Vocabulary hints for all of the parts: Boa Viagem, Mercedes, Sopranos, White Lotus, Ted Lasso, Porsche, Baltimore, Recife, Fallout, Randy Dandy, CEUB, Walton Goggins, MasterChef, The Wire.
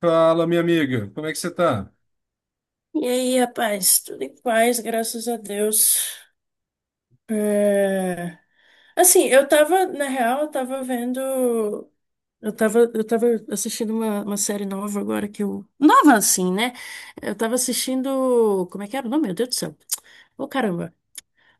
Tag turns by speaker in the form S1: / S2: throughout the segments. S1: Fala, minha amiga, como é que você tá?
S2: E aí, rapaz, tudo em paz, graças a Deus. É, Assim, eu tava, na real, eu tava vendo. Eu tava assistindo uma série nova agora que eu. Nova assim, né? Eu tava assistindo. Como é que era o nome? Meu Deus do céu. Ô, caramba.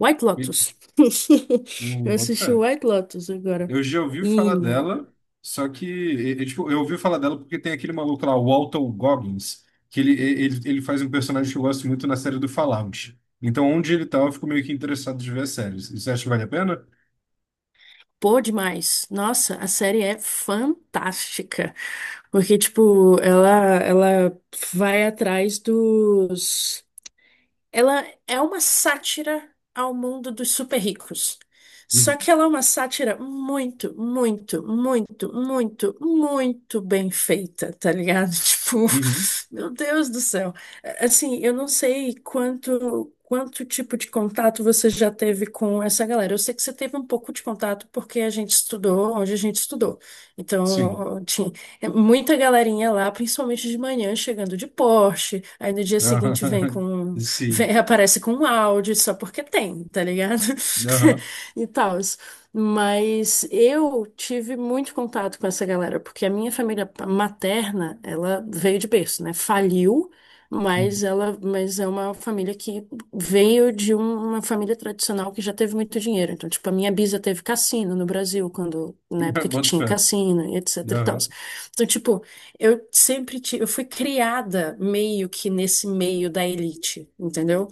S2: White
S1: Me-
S2: Lotus. Eu
S1: Boto fé.
S2: assisti o White Lotus agora.
S1: Eu já ouvi
S2: E
S1: falar dela, só que eu ouvi falar dela porque tem aquele maluco lá, o Walton Goggins, que ele, e- ele, ele faz um personagem que eu gosto muito na série do Fallout. Então, onde ele tá, eu fico meio que interessado de ver as séries. Você acha que vale a pena?
S2: Pô, demais. Nossa, a série é fantástica. Porque, tipo, ela vai atrás dos. Ela é uma sátira ao mundo dos super ricos. Só
S1: Uhum.
S2: que ela é uma sátira muito, muito, muito, muito, muito bem feita, tá ligado? Tipo,
S1: Uhum.
S2: meu Deus do céu. Assim, eu não sei quanto tipo de contato você já teve com essa galera. Eu sei que você teve um pouco de contato porque a gente estudou onde a gente estudou.
S1: Sim.
S2: Então, tinha, muita galerinha lá, principalmente de manhã, chegando de Porsche. Aí no dia seguinte
S1: Aham. Sim.
S2: vem, aparece com um áudio só porque tem, tá ligado?
S1: Aham.
S2: E tal. Mas eu tive muito contato com essa galera, porque a minha família materna, ela veio de berço, né? Faliu,
S1: Uhum.
S2: mas é uma família que veio de uma família tradicional que já teve muito dinheiro. Então, tipo, a minha bisa teve cassino no Brasil, quando na época que
S1: Boto
S2: tinha
S1: fé.
S2: cassino, e etc e tal.
S1: Aham.
S2: Então, tipo, eu fui criada meio que nesse meio da elite, entendeu?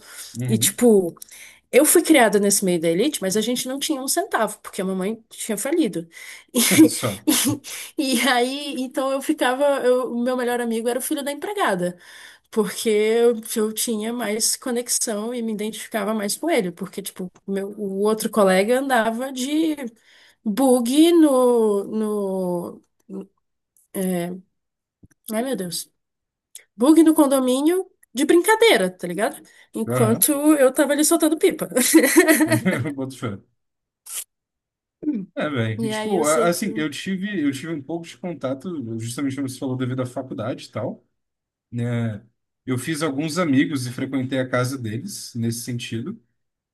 S2: E
S1: Uhum.
S2: tipo, eu fui criada nesse meio da elite, mas a gente não tinha um centavo, porque a mamãe tinha falido.
S1: Só.
S2: E, e aí, então eu ficava, o meu melhor amigo era o filho da empregada, porque eu tinha mais conexão e me identificava mais com ele, porque tipo, meu, o outro colega andava de bug no, ai meu Deus. Bug no condomínio de brincadeira, tá ligado?
S1: Aham.
S2: Enquanto eu tava ali soltando pipa.
S1: Boto fé. É, velho.
S2: E aí eu sei que.
S1: Eu tive um pouco de contato, justamente como você falou, devido à faculdade e tal, né? Eu fiz alguns amigos e frequentei a casa deles nesse sentido.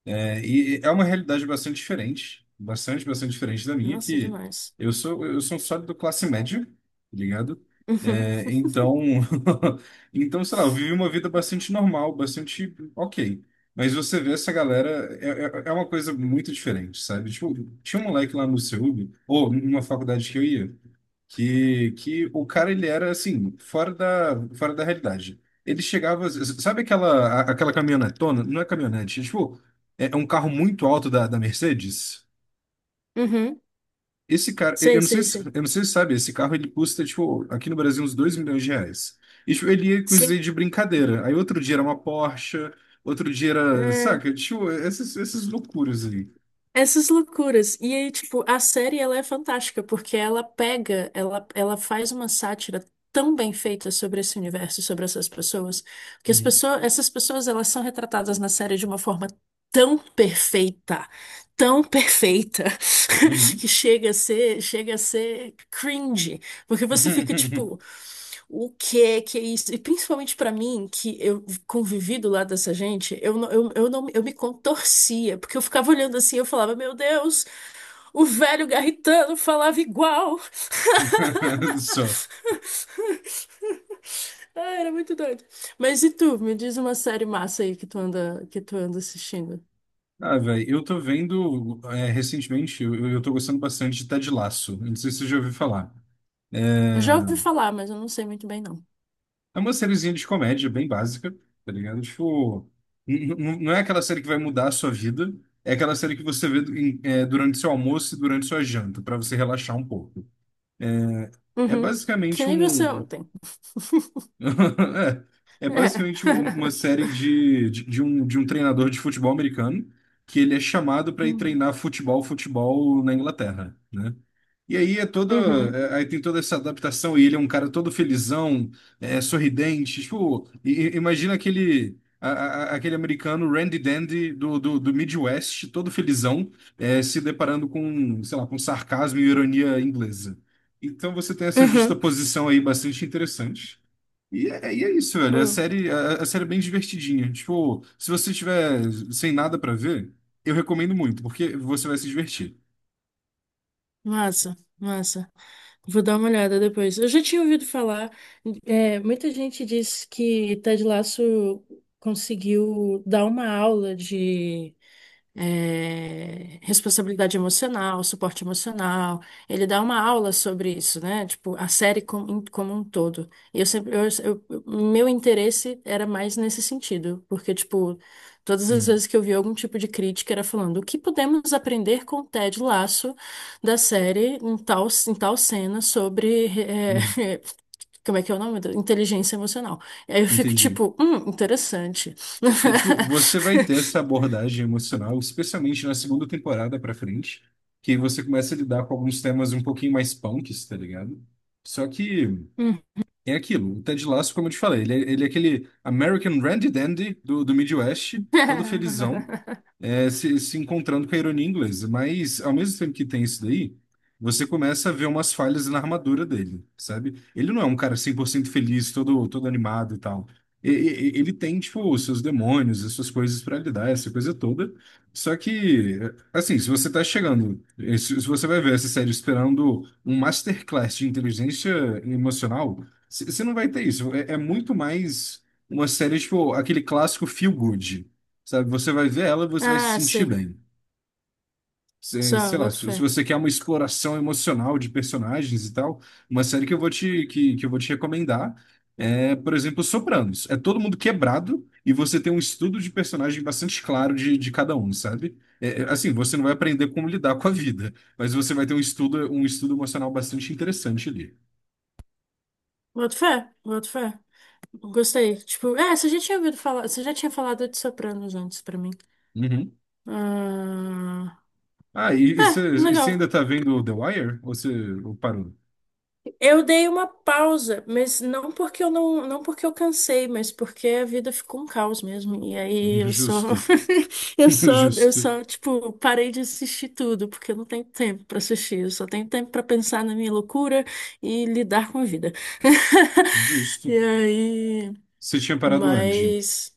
S1: É, e é uma realidade bastante diferente, bastante, bastante diferente da minha,
S2: Nossa,
S1: que
S2: demais.
S1: eu sou um sólido classe média, tá ligado?
S2: Uhum.
S1: É, então, então, sei lá, eu vivi uma vida bastante normal, bastante ok. Mas você vê essa galera, é uma coisa muito diferente, sabe? Tipo, tinha um moleque lá no CEUB, ou numa faculdade que eu ia, que o cara, ele era assim, fora fora da realidade. Ele chegava, sabe aquela, aquela caminhonetona? Não é caminhonete, é tipo, é um carro muito alto da Mercedes.
S2: Uhum.
S1: Esse cara, eu
S2: Sei,
S1: não sei
S2: sei,
S1: se,
S2: sei.
S1: eu não sei se sabe, esse carro ele custa, tipo, aqui no Brasil uns 2 milhões de reais. E tipo, ele ia com isso aí
S2: Sim.
S1: de brincadeira. Aí outro dia era uma Porsche, outro dia era, saca? Tipo, essas loucuras aí.
S2: Essas loucuras. E aí, tipo, a série ela é fantástica, porque ela faz uma sátira tão bem feita sobre esse universo, sobre essas pessoas, que
S1: Uhum.
S2: essas pessoas elas são retratadas na série de uma forma tão perfeita, tão perfeita,
S1: Uhum.
S2: que chega a ser cringe, porque você fica tipo, o que que é isso? E principalmente pra mim, que eu convivi do lado dessa gente, eu não eu me contorcia, porque eu ficava olhando assim, eu falava, meu Deus, o velho garritano falava igual.
S1: Só.
S2: Ah, era muito doido. Mas e tu, me diz uma série massa aí que tu anda assistindo.
S1: Ah, velho, eu tô vendo é, recentemente, eu tô gostando bastante de Ted Lasso. Não sei se você já ouviu falar.
S2: Eu já
S1: É,
S2: ouvi falar, mas eu não sei muito bem não.
S1: é uma sériezinha de comédia bem básica, tá ligado? Tipo, não é aquela série que vai mudar a sua vida, é aquela série que você vê durante seu almoço e durante sua janta, pra você relaxar um pouco. É
S2: Uhum. Que
S1: basicamente
S2: nem você
S1: um.
S2: ontem.
S1: É, é
S2: É.
S1: basicamente uma série de um treinador de futebol americano que ele é chamado para ir
S2: Uhum.
S1: treinar futebol na Inglaterra, né? E aí é toda,
S2: Uhum.
S1: aí tem toda essa adaptação e ele é um cara todo felizão, é, sorridente, tipo, imagina aquele aquele americano Randy Dandy do Midwest, todo felizão, é, se deparando com, sei lá, com sarcasmo e ironia inglesa. Então você tem essa justa
S2: Uhum.
S1: posição aí bastante interessante. E é isso, velho. A
S2: Pô,
S1: série, a série é bem divertidinha. Tipo, se você tiver sem nada pra ver, eu recomendo muito, porque você vai se divertir.
S2: massa, massa. Vou dar uma olhada depois. Eu já tinha ouvido falar. Muita gente diz que Ted Lasso conseguiu dar uma aula de responsabilidade emocional, suporte emocional. Ele dá uma aula sobre isso, né? Tipo, a série como um todo. E Eu sempre, eu- Meu interesse era mais nesse sentido, porque, tipo, todas as
S1: Hum,
S2: vezes que eu vi algum tipo de crítica era falando o que podemos aprender com o Ted Lasso da série em tal cena sobre,
S1: uhum.
S2: como é que é o nome? Inteligência emocional. E aí eu fico
S1: Entendi.
S2: tipo, interessante.
S1: É tipo, você vai ter essa abordagem emocional, especialmente na segunda temporada pra frente, que você começa a lidar com alguns temas um pouquinho mais punks, tá ligado? Só que é aquilo, o Ted Lasso, como eu te falei, ele é aquele American Randy Dandy do, do Midwest, todo felizão, é, se encontrando com a ironia inglesa. Mas, ao mesmo tempo que tem isso daí, você começa a ver umas falhas na armadura dele, sabe? Ele não é um cara 100% feliz, todo, todo animado e tal. Ele tem, tipo, os seus demônios, as suas coisas para lidar, essa coisa toda. Só que, assim, se você tá chegando, eh, se você vai ver essa série esperando um masterclass de inteligência emocional, você não vai ter isso. É, é muito mais uma série, tipo, aquele clássico feel good. Sabe? Você vai ver ela e você vai se
S2: Ah,
S1: sentir
S2: sim.
S1: bem. Cê-
S2: Só,
S1: sei lá,
S2: boto
S1: se,
S2: fé.
S1: se você quer uma exploração emocional de personagens e tal, uma série que que eu vou te recomendar é, por exemplo, Sopranos. É todo mundo quebrado e você tem um estudo de personagem bastante claro de cada um, sabe? É, é, assim, você não vai aprender como lidar com a vida, mas você vai ter um estudo emocional bastante interessante ali.
S2: Boto fé, boto fé. Gostei. Tipo, você já tinha ouvido falar, você já tinha falado de Sopranos antes pra mim.
S1: Uhum.
S2: Ah,
S1: Ah, e
S2: é,
S1: você
S2: legal.
S1: ainda tá vendo The Wire? Ou você parou?
S2: Eu dei uma pausa, mas não porque eu não, não porque eu cansei, mas porque a vida ficou um caos mesmo. E aí eu só
S1: Justo.
S2: Eu só, eu
S1: Justo.
S2: só, tipo, parei de assistir tudo, porque eu não tenho tempo pra assistir. Eu só tenho tempo pra pensar na minha loucura e lidar com a vida.
S1: Justo.
S2: E aí,
S1: Você tinha parado onde?
S2: mas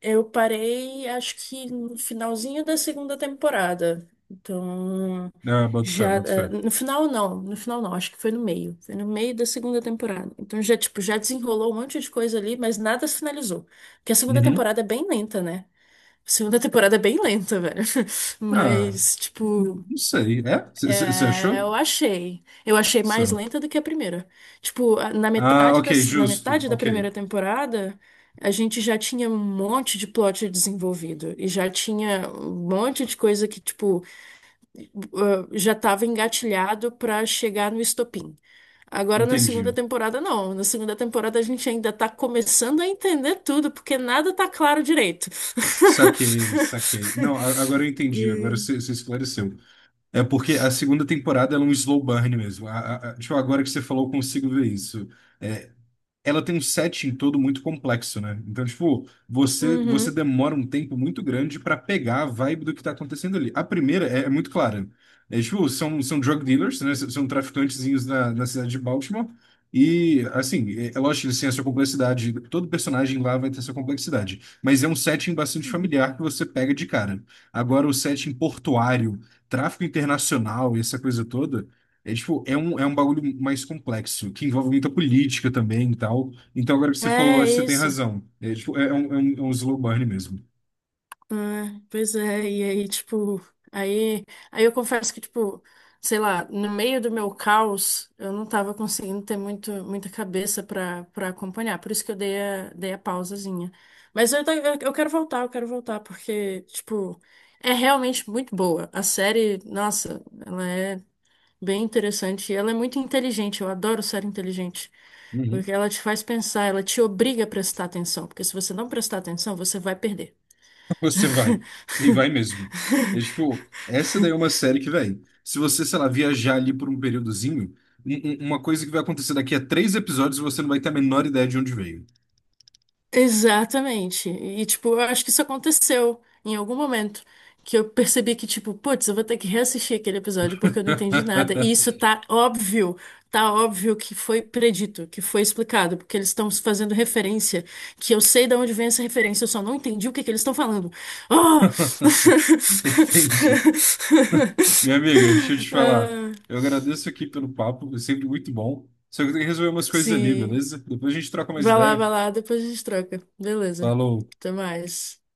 S2: eu parei, acho que no finalzinho da segunda temporada. Então,
S1: Ah, boto fé,
S2: já,
S1: boto fé.
S2: no final não, no final não, acho que foi no meio. Foi no meio da segunda temporada. Então tipo, já desenrolou um monte de coisa ali, mas nada se finalizou. Porque a segunda
S1: Uhum.
S2: temporada é bem lenta, né? Segunda temporada é bem lenta, velho.
S1: Ah,
S2: Mas, tipo,
S1: não sei. É? Você
S2: é,
S1: achou?
S2: eu achei. Eu achei mais
S1: São.
S2: lenta do que a primeira. Tipo, na
S1: Ah,
S2: metade
S1: ok,
S2: da, na
S1: justo.
S2: metade da
S1: Ok,
S2: primeira temporada, a gente já tinha um monte de plot desenvolvido. E já tinha um monte de coisa que, tipo, ah, já estava engatilhado para chegar no estopim. Agora na segunda
S1: entendi.
S2: temporada não. Na segunda temporada a gente ainda tá começando a entender tudo, porque nada tá claro direito.
S1: Saquei, saquei. Não, agora eu entendi, agora você
S2: É.
S1: esclareceu. É porque a segunda temporada ela é um slow burn mesmo. Tipo, agora que você falou, eu consigo ver isso. É, ela tem um setting todo muito complexo, né? Então, tipo, você
S2: Uhum.
S1: demora um tempo muito grande pra pegar a vibe do que tá acontecendo ali. A primeira é, é muito clara. É, tipo, são drug dealers, né? São traficantezinhos na cidade de Baltimore. E, assim, é, é lógico que eles têm a sua complexidade. Todo personagem lá vai ter sua complexidade. Mas é um setting bastante familiar que você pega de cara. Agora, o setting portuário, tráfico internacional e essa coisa toda. É, tipo, é um bagulho mais complexo, que envolve muita política também e tal. Então, agora que você falou, eu
S2: É
S1: acho que você tem
S2: isso.
S1: razão. É, tipo, é um slow burn mesmo.
S2: Ah, pois é, e aí, tipo, aí, aí, eu confesso que, tipo, sei lá, no meio do meu caos, eu não tava conseguindo ter muita cabeça pra acompanhar, por isso que eu dei a pausazinha. Mas eu quero voltar, eu quero voltar, porque, tipo, é realmente muito boa. A série, nossa, ela é bem interessante e ela é muito inteligente, eu adoro série inteligente.
S1: Uhum.
S2: Porque ela te faz pensar, ela te obriga a prestar atenção, porque se você não prestar atenção, você vai perder.
S1: Você vai. E vai mesmo. É tipo, essa daí é uma série que, velho, se você, sei lá, viajar ali por um períodozinho, um- uma coisa que vai acontecer daqui a 3 episódios, você não vai ter a menor ideia de onde veio.
S2: Exatamente. E, tipo, eu acho que isso aconteceu em algum momento. Que eu percebi que, tipo, putz, eu vou ter que reassistir aquele episódio porque eu não entendi nada. E isso tá óbvio que foi predito, que foi explicado, porque eles estão fazendo referência, que eu sei de onde vem essa referência, eu só não entendi o que que eles estão falando. Ah!
S1: Entende? Minha amiga, deixa eu te falar.
S2: Ah,
S1: Eu agradeço aqui pelo papo, é sempre muito bom. Só que eu tenho que resolver umas coisas ali,
S2: sim.
S1: beleza? Depois a gente troca mais ideia.
S2: Vai lá, depois a gente troca. Beleza.
S1: Falou.
S2: Até mais.